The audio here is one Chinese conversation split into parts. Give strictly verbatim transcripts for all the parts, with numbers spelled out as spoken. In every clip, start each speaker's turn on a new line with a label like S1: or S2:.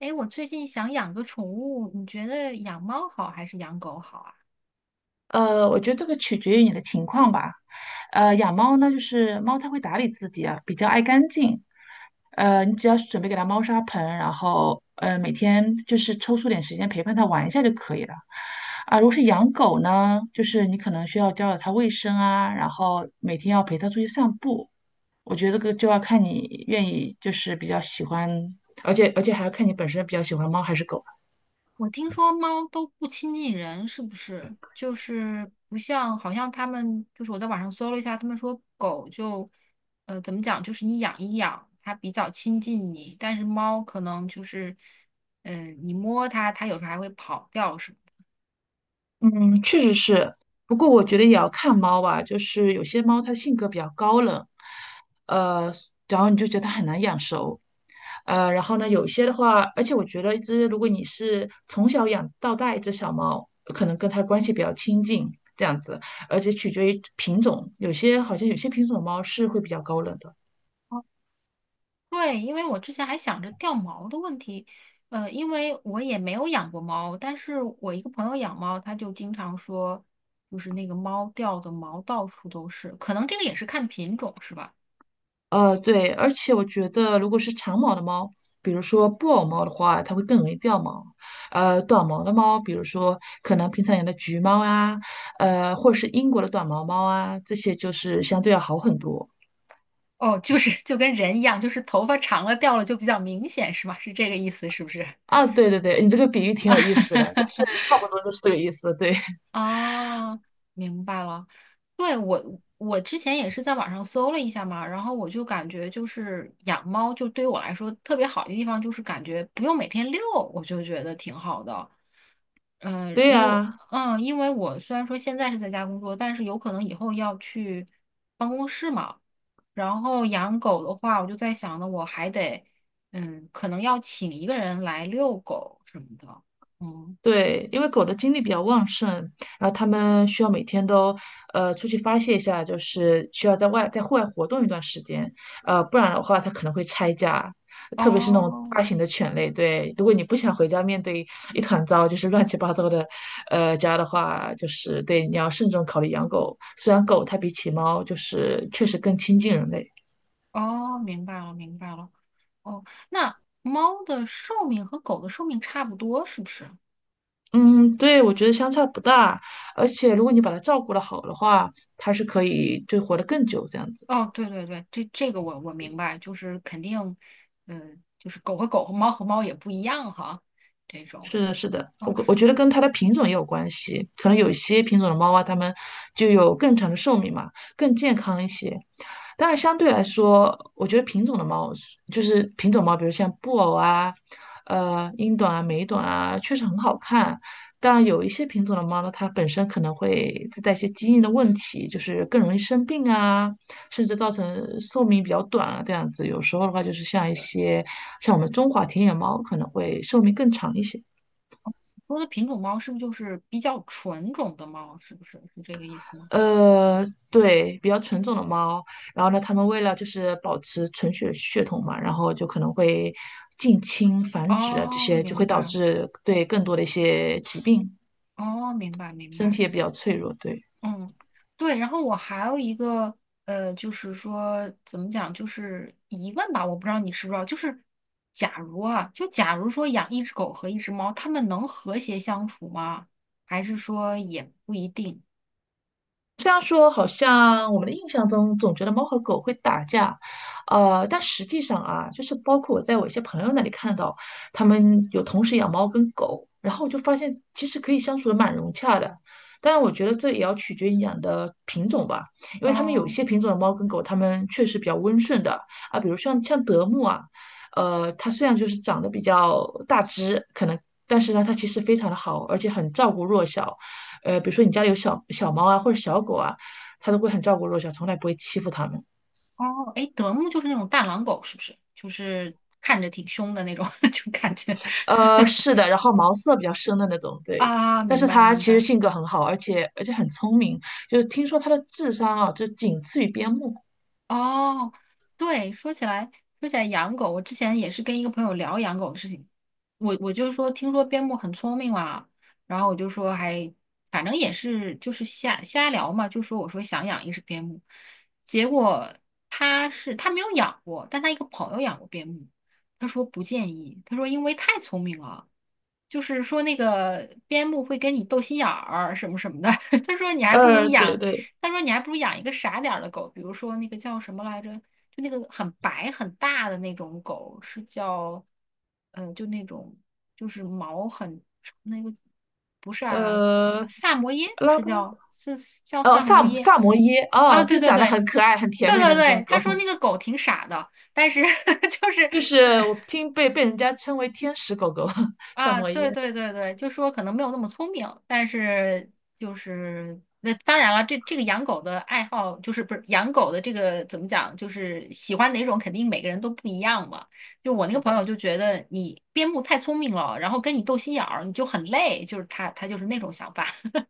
S1: 哎，我最近想养个宠物，你觉得养猫好还是养狗好啊？
S2: 呃，我觉得这个取决于你的情况吧。呃，养猫呢，就是猫它会打理自己啊，比较爱干净。呃，你只要准备给它猫砂盆，然后呃每天就是抽出点时间陪伴它玩一下就可以了。啊，如果是养狗呢，就是你可能需要教导它卫生啊，然后每天要陪它出去散步。我觉得这个就要看你愿意，就是比较喜欢，而且而且还要看你本身比较喜欢猫还是狗。
S1: 我听说猫都不亲近人，是不是？就是不像，好像他们，就是我在网上搜了一下，他们说狗就，呃，怎么讲，就是你养一养，它比较亲近你，但是猫可能就是，嗯、你摸它，它有时候还会跑掉什么的。
S2: 嗯，确实是，不过我觉得也要看猫吧，就是有些猫它性格比较高冷，呃，然后你就觉得它很难养熟，呃，然后呢，有些的话，而且我觉得一只如果你是从小养到大一只小猫，可能跟它的关系比较亲近这样子，而且取决于品种，有些好像有些品种的猫是会比较高冷的。
S1: 对，因为我之前还想着掉毛的问题，呃，因为我也没有养过猫，但是我一个朋友养猫，他就经常说，就是那个猫掉的毛到处都是，可能这个也是看品种是吧？
S2: 呃，对，而且我觉得，如果是长毛的猫，比如说布偶猫的话，它会更容易掉毛。呃，短毛的猫，比如说可能平常养的橘猫啊，呃，或者是英国的短毛猫啊，这些就是相对要好很多。
S1: 哦，就是 就跟人一样，就是头发长了掉了就比较明显是吧？是这个意思是不是？
S2: 啊，对对对，你这个比喻挺有意思的，但是 差不多就是这个意思。对，
S1: 啊，明白了。对，我，我之前也是在网上搜了一下嘛，然后我就感觉就是养猫，就对于我来说特别好的地方就是感觉不用每天遛，我就觉得挺好的。嗯，呃
S2: 对
S1: 因为
S2: 呀、
S1: 嗯，因为我虽然说现在是在家工作，但是有可能以后要去办公室嘛。然后养狗的话，我就在想呢，我还得嗯，可能要请一个人来遛狗什么的。嗯，
S2: 对，因为狗的精力比较旺盛，然后它们需要每天都呃出去发泄一下，就是需要在外在户外活动一段时间，呃，不然的话它可能会拆家，特别是那种
S1: 哦。
S2: 大型的犬类。对，如果你不想回家面对一团糟，就是乱七八糟的呃家的话，就是对你要慎重考虑养狗。虽然狗它比起猫就是确实更亲近人类。
S1: 哦，明白了，明白了。哦，那猫的寿命和狗的寿命差不多，是不是？
S2: 嗯，对，我觉得相差不大，而且如果你把它照顾得好的话，它是可以就活得更久这样子。
S1: 哦，对对对，这这个我我明白，就是肯定，嗯、就是狗和狗和猫和猫也不一样哈，这种。
S2: 是的，是的，
S1: 哦，
S2: 我我觉得跟它的品种也有关系，可能有一些品种的猫啊，它们就有更长的寿命嘛，更健康一些。当然，相对来说，我觉得品种的猫是就是品种猫，比如像布偶啊、呃英短啊、美短啊，确实很好看。但有一些品种的猫呢，它本身可能会自带一些基因的问题，就是更容易生病啊，甚至造成寿命比较短啊，这样子。有时候的话，就是像一些像我们中华田园猫，可能会寿命更长一些。
S1: 说的品种猫是不是就是比较纯种的猫？是不是是这个意思吗？
S2: 呃，对，比较纯种的猫。然后呢，它们为了就是保持纯血血统嘛，然后就可能会近亲繁殖啊，这
S1: 哦，
S2: 些就
S1: 明
S2: 会导
S1: 白，
S2: 致对更多的一些疾病，
S1: 哦，明白，明
S2: 身
S1: 白。
S2: 体也比较脆弱。对。
S1: 嗯，对，然后我还有一个呃，就是说怎么讲，就是疑问吧，我不知道你知不知道，就是假如啊，就假如说养一只狗和一只猫，它们能和谐相处吗？还是说也不一定？
S2: 虽然说好像我们的印象中总觉得猫和狗会打架，呃，但实际上啊，就是包括我在我一些朋友那里看到，他们有同时养猫跟狗，然后我就发现其实可以相处的蛮融洽的。当然，我觉得这也要取决于你养的品种吧，因为他们有一
S1: 哦
S2: 些品种的猫跟狗，它们确实比较温顺的啊，比如像像德牧啊，呃，它虽然就是长得比较大只，可能，但是呢，它其实非常的好，而且很照顾弱小。呃，比如说你家里有小小猫啊或者小狗啊，它都会很照顾弱小，从来不会欺负它们。
S1: 哦，哎，德牧就是那种大狼狗，是不是？就是看着挺凶的那种，就感觉
S2: 呃，是的，然后毛色比较深的那种，对。
S1: 啊，
S2: 但
S1: 明
S2: 是
S1: 白
S2: 它
S1: 明
S2: 其实
S1: 白。
S2: 性格很好，而且而且很聪明，就是听说它的智商啊，就仅次于边牧。
S1: 哦，对，说起来，说起来养狗，我之前也是跟一个朋友聊养狗的事情，我我就说听说边牧很聪明嘛，然后我就说还反正也是就是瞎瞎聊嘛，就说我说想养一只边牧，结果他是他没有养过，但他一个朋友养过边牧，他说不建议，他说因为太聪明了。就是说那个边牧会跟你斗心眼儿什么什么的。他说你还不如
S2: 呃，对
S1: 养，
S2: 对，
S1: 他说你还不如养一个傻点儿的狗，比如说那个叫什么来着，就那个很白很大的那种狗，是叫，呃，就那种就是毛很那个不是阿拉斯，
S2: 呃，
S1: 呃萨摩耶
S2: 拉
S1: 是
S2: 布拉多，
S1: 叫是是叫
S2: 哦，
S1: 萨
S2: 萨
S1: 摩
S2: 姆
S1: 耶
S2: 萨摩耶，哦，
S1: 啊，对
S2: 就
S1: 对
S2: 长得
S1: 对。
S2: 很可爱、很甜
S1: 对
S2: 美的
S1: 对
S2: 那
S1: 对，
S2: 种狗，
S1: 他说 那个狗挺傻的，但是 就是
S2: 就是我 听被被人家称为天使狗狗，萨
S1: 啊，
S2: 摩
S1: 对
S2: 耶。
S1: 对对对，就说可能没有那么聪明，但是就是那当然了，这这个养狗的爱好就是不是养狗的这个怎么讲，就是喜欢哪种肯定每个人都不一样嘛。就我那
S2: 是
S1: 个朋
S2: 的。
S1: 友就觉得你边牧太聪明了，然后跟你斗心眼儿，你就很累，就是他他就是那种想法。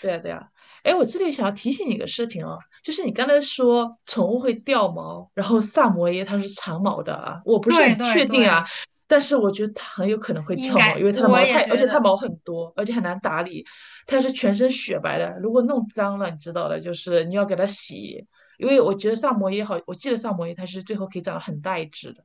S2: 对呀，对呀，哎，我这里想要提醒你一个事情哦，就是你刚才说宠物会掉毛，然后萨摩耶它是长毛的啊，我不是
S1: 对
S2: 很
S1: 对
S2: 确定啊，
S1: 对，
S2: 但是我觉得它很有可能会
S1: 应
S2: 掉毛，
S1: 该
S2: 因为它的
S1: 我
S2: 毛
S1: 也
S2: 太，而
S1: 觉
S2: 且它
S1: 得。
S2: 毛很多，而且很难打理，它是全身雪白的，如果弄脏了，你知道的，就是你要给它洗，因为我觉得萨摩耶好，我记得萨摩耶它是最后可以长得很大一只的，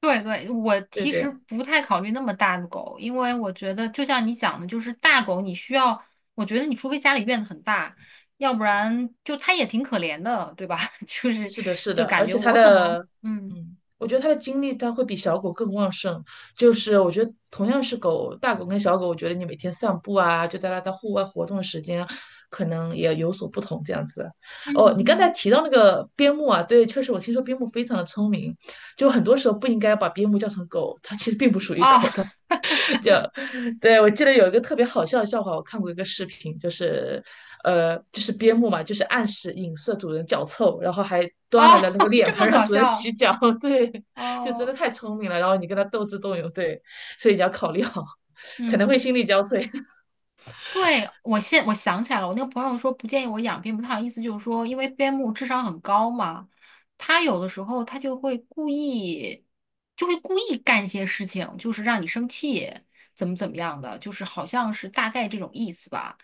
S1: 对对，我
S2: 对
S1: 其
S2: 对。
S1: 实不太考虑那么大的狗，因为我觉得就像你讲的，就是大狗你需要，我觉得你除非家里院子很大，要不然就它也挺可怜的，对吧？就是
S2: 是的，是
S1: 就
S2: 的，
S1: 感
S2: 而
S1: 觉
S2: 且它
S1: 我可能，
S2: 的，
S1: 嗯
S2: 嗯，我觉得它的精力它会比小狗更旺盛。就是我觉得同样是狗，大狗跟小狗，我觉得你每天散步啊，就带它到户外活动的时间，可能也有所不同这样子。
S1: 嗯
S2: 哦，你刚才
S1: 嗯，
S2: 提到那个边牧啊，对，确实我听说边牧非常的聪明，就很多时候不应该把边牧叫成狗，它其实并不属于
S1: 哦
S2: 狗，它 就对我记得有一个特别好笑的笑话，我看过一个视频，就是呃，就是边牧嘛，就是暗示影射主人脚臭，然后还
S1: 哦，
S2: 端来了那个 脸
S1: 这
S2: 盆
S1: 么
S2: 让
S1: 搞
S2: 主人
S1: 笑
S2: 洗脚，对，就真的
S1: 哦，
S2: 太聪明了。然后你跟他斗智斗勇，对，所以你要考虑好，可能会
S1: 嗯。
S2: 心力交瘁。
S1: 对，我现我想起来了，我那个朋友说不建议我养边牧，他好像意思就是说，因为边牧智商很高嘛，他有的时候他就会故意，就会故意干一些事情，就是让你生气，怎么怎么样的，就是好像是大概这种意思吧。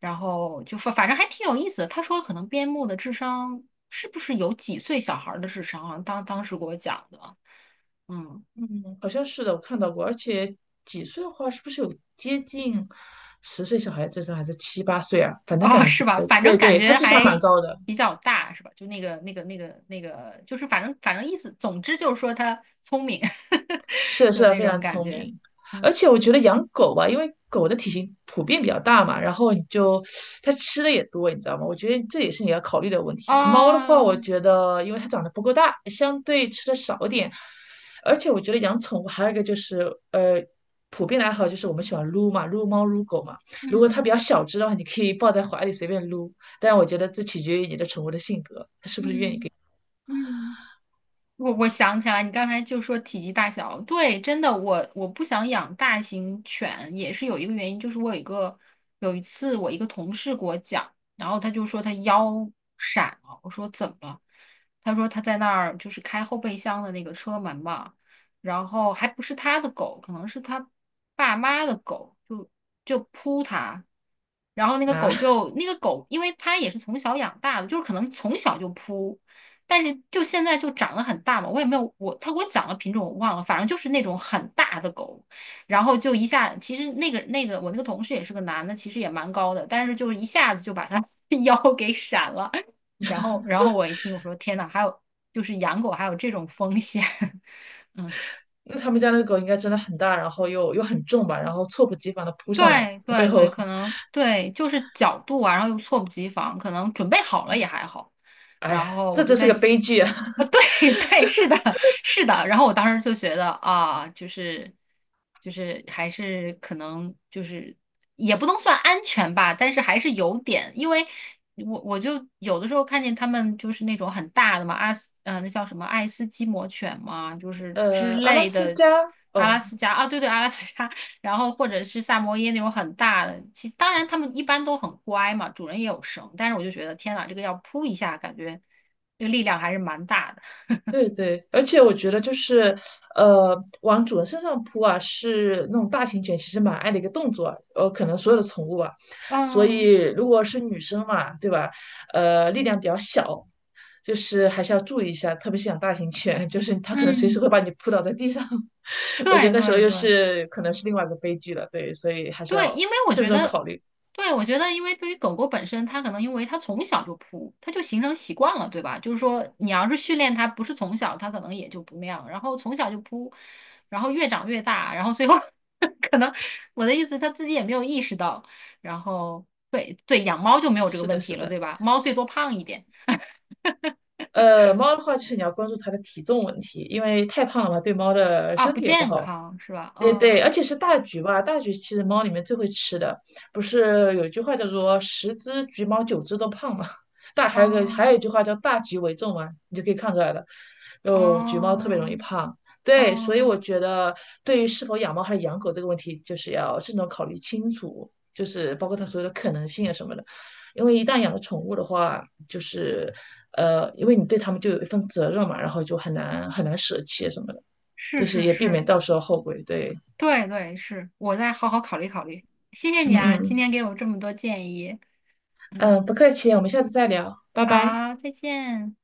S1: 然后就反反正还挺有意思的。他说可能边牧的智商是不是有几岁小孩儿的智商啊？当当时给我讲的，嗯。
S2: 嗯，好像是的，我看到过，而且几岁的话，是不是有接近十岁小孩的智商，还是七八岁啊？反正
S1: 哦，
S2: 感
S1: 是
S2: 觉，
S1: 吧？反
S2: 对
S1: 正感
S2: 对，他
S1: 觉
S2: 智商
S1: 还
S2: 蛮高的。
S1: 比较大，是吧？就那个、那个、那个、那个，就是反正反正意思，总之就是说他聪明，
S2: 是 的，是
S1: 就
S2: 的，
S1: 那
S2: 非常
S1: 种感
S2: 聪
S1: 觉。
S2: 明。而
S1: 嗯，
S2: 且我觉得养狗吧，因为狗的体型普遍比较大嘛，然后你就它吃的也多，你知道吗？我觉得这也是你要考虑的问题。猫的话，我
S1: 哦，
S2: 觉得因为它长得不够大，相对吃的少一点。而且我觉得养宠物还有一个就是，呃，普遍的爱好就是我们喜欢撸嘛，撸猫撸狗嘛。如果它
S1: 嗯
S2: 比较小只的话，你可以抱在怀里随便撸，但我觉得这取决于你的宠物的性格
S1: 嗯嗯。嗯我我想起来，你刚才就说体积大小，对，真的，我我不想养大型犬，也是有一个原因，就是我有一个有一次我一个同事给我讲，然后他就说他腰闪了，我说怎么了？他说他在那儿就是开后备箱的那个车门嘛，然后还不是他的狗，可能是他爸妈的狗，就就扑他，然后那个
S2: 啊。
S1: 狗 就那个狗，因为他也是从小养大的，就是可能从小就扑。但是就现在就长得很大嘛，我也没有我他给我讲的品种我忘了，反正就是那种很大的狗，然后就一下，其实那个那个我那个同事也是个男的，其实也蛮高的，但是就是一下子就把他 腰给闪了，然后然后我一听我说天呐，还有就是养狗还有这种风险，嗯。
S2: 那他们家那个狗应该真的很大，然后又又很重吧，然后猝不及防的扑上来，
S1: 对
S2: 从背
S1: 对
S2: 后，
S1: 对，可能对，就是角度啊，然后又猝不及防，可能准备好了也还好。
S2: 哎
S1: 然
S2: 呀，
S1: 后我
S2: 这
S1: 就
S2: 真是
S1: 在
S2: 个
S1: 想，
S2: 悲剧啊！
S1: 呃，对 对，是的，是的。然后我当时就觉得啊，就是就是还是可能就是也不能算安全吧，但是还是有点，因为我我就有的时候看见他们就是那种很大的嘛，阿斯呃那叫什么爱斯基摩犬嘛，就是之
S2: 呃，阿拉
S1: 类
S2: 斯
S1: 的。
S2: 加，
S1: 阿拉
S2: 哦
S1: 斯加啊，对对，阿拉斯加，然后或者是萨摩耶那种很大的，其当然他们一般都很乖嘛，主人也有绳，但是我就觉得天呐，这个要扑一下，感觉这个力量还是蛮大的。
S2: 对对，而且我觉得就是，呃，往主人身上扑啊，是那种大型犬其实蛮爱的一个动作啊，呃，可能所有的宠物啊，所
S1: 嗯
S2: 以如果是女生嘛，对吧？呃，力量比较小，就是还是要注意一下，特别是养大型犬，就是它可能随时会
S1: 嗯，
S2: 把你扑倒在地上，我觉得
S1: 对
S2: 那时候
S1: 对
S2: 又
S1: 对，
S2: 是可能是另外一个悲剧了，对，所以还是
S1: 对，
S2: 要
S1: 因为我
S2: 慎
S1: 觉
S2: 重
S1: 得，
S2: 考虑。
S1: 对，我觉得，因为对于狗狗本身，它可能因为它从小就扑，它就形成习惯了，对吧？就是说，你要是训练它，不是从小，它可能也就不那样，然后从小就扑，然后越长越大，然后最后 可能我的意思，它自己也没有意识到，然后对对，养猫就没有这个
S2: 是
S1: 问
S2: 的，
S1: 题
S2: 是
S1: 了，对
S2: 的。
S1: 吧？猫最多胖一点
S2: 呃，猫的话，就是你要关注它的体重问题，因为太胖了嘛，对猫的
S1: 啊，
S2: 身
S1: 不
S2: 体也不
S1: 健
S2: 好。
S1: 康是吧？
S2: 对对，而
S1: 嗯
S2: 且是大橘吧，大橘其实猫里面最会吃的，不是有一句话叫做“十只橘猫，九只都胖”嘛，大还有个还有一
S1: 嗯
S2: 句话叫“大橘为重”嘛，你就可以看出来了，就橘猫特别容易
S1: 嗯
S2: 胖。对，所以我
S1: 嗯，
S2: 觉得对于是否养猫还是养狗这个问题，就是要慎重考虑清楚，就是包括它所有的可能性啊什么的。因为一旦养了宠物的话，就是呃，因为你对它们就有一份责任嘛，然后就很难很难舍弃啊什么的，
S1: 是
S2: 就是
S1: 是
S2: 也避免
S1: 是。
S2: 到时候后悔。对。
S1: 对对，是，我再好好考虑考虑。谢谢
S2: 嗯
S1: 你啊，
S2: 嗯
S1: 今天给我这么多建议。
S2: 嗯，
S1: 嗯，
S2: 呃不客气，我们下次再聊，拜拜。
S1: 好，再见。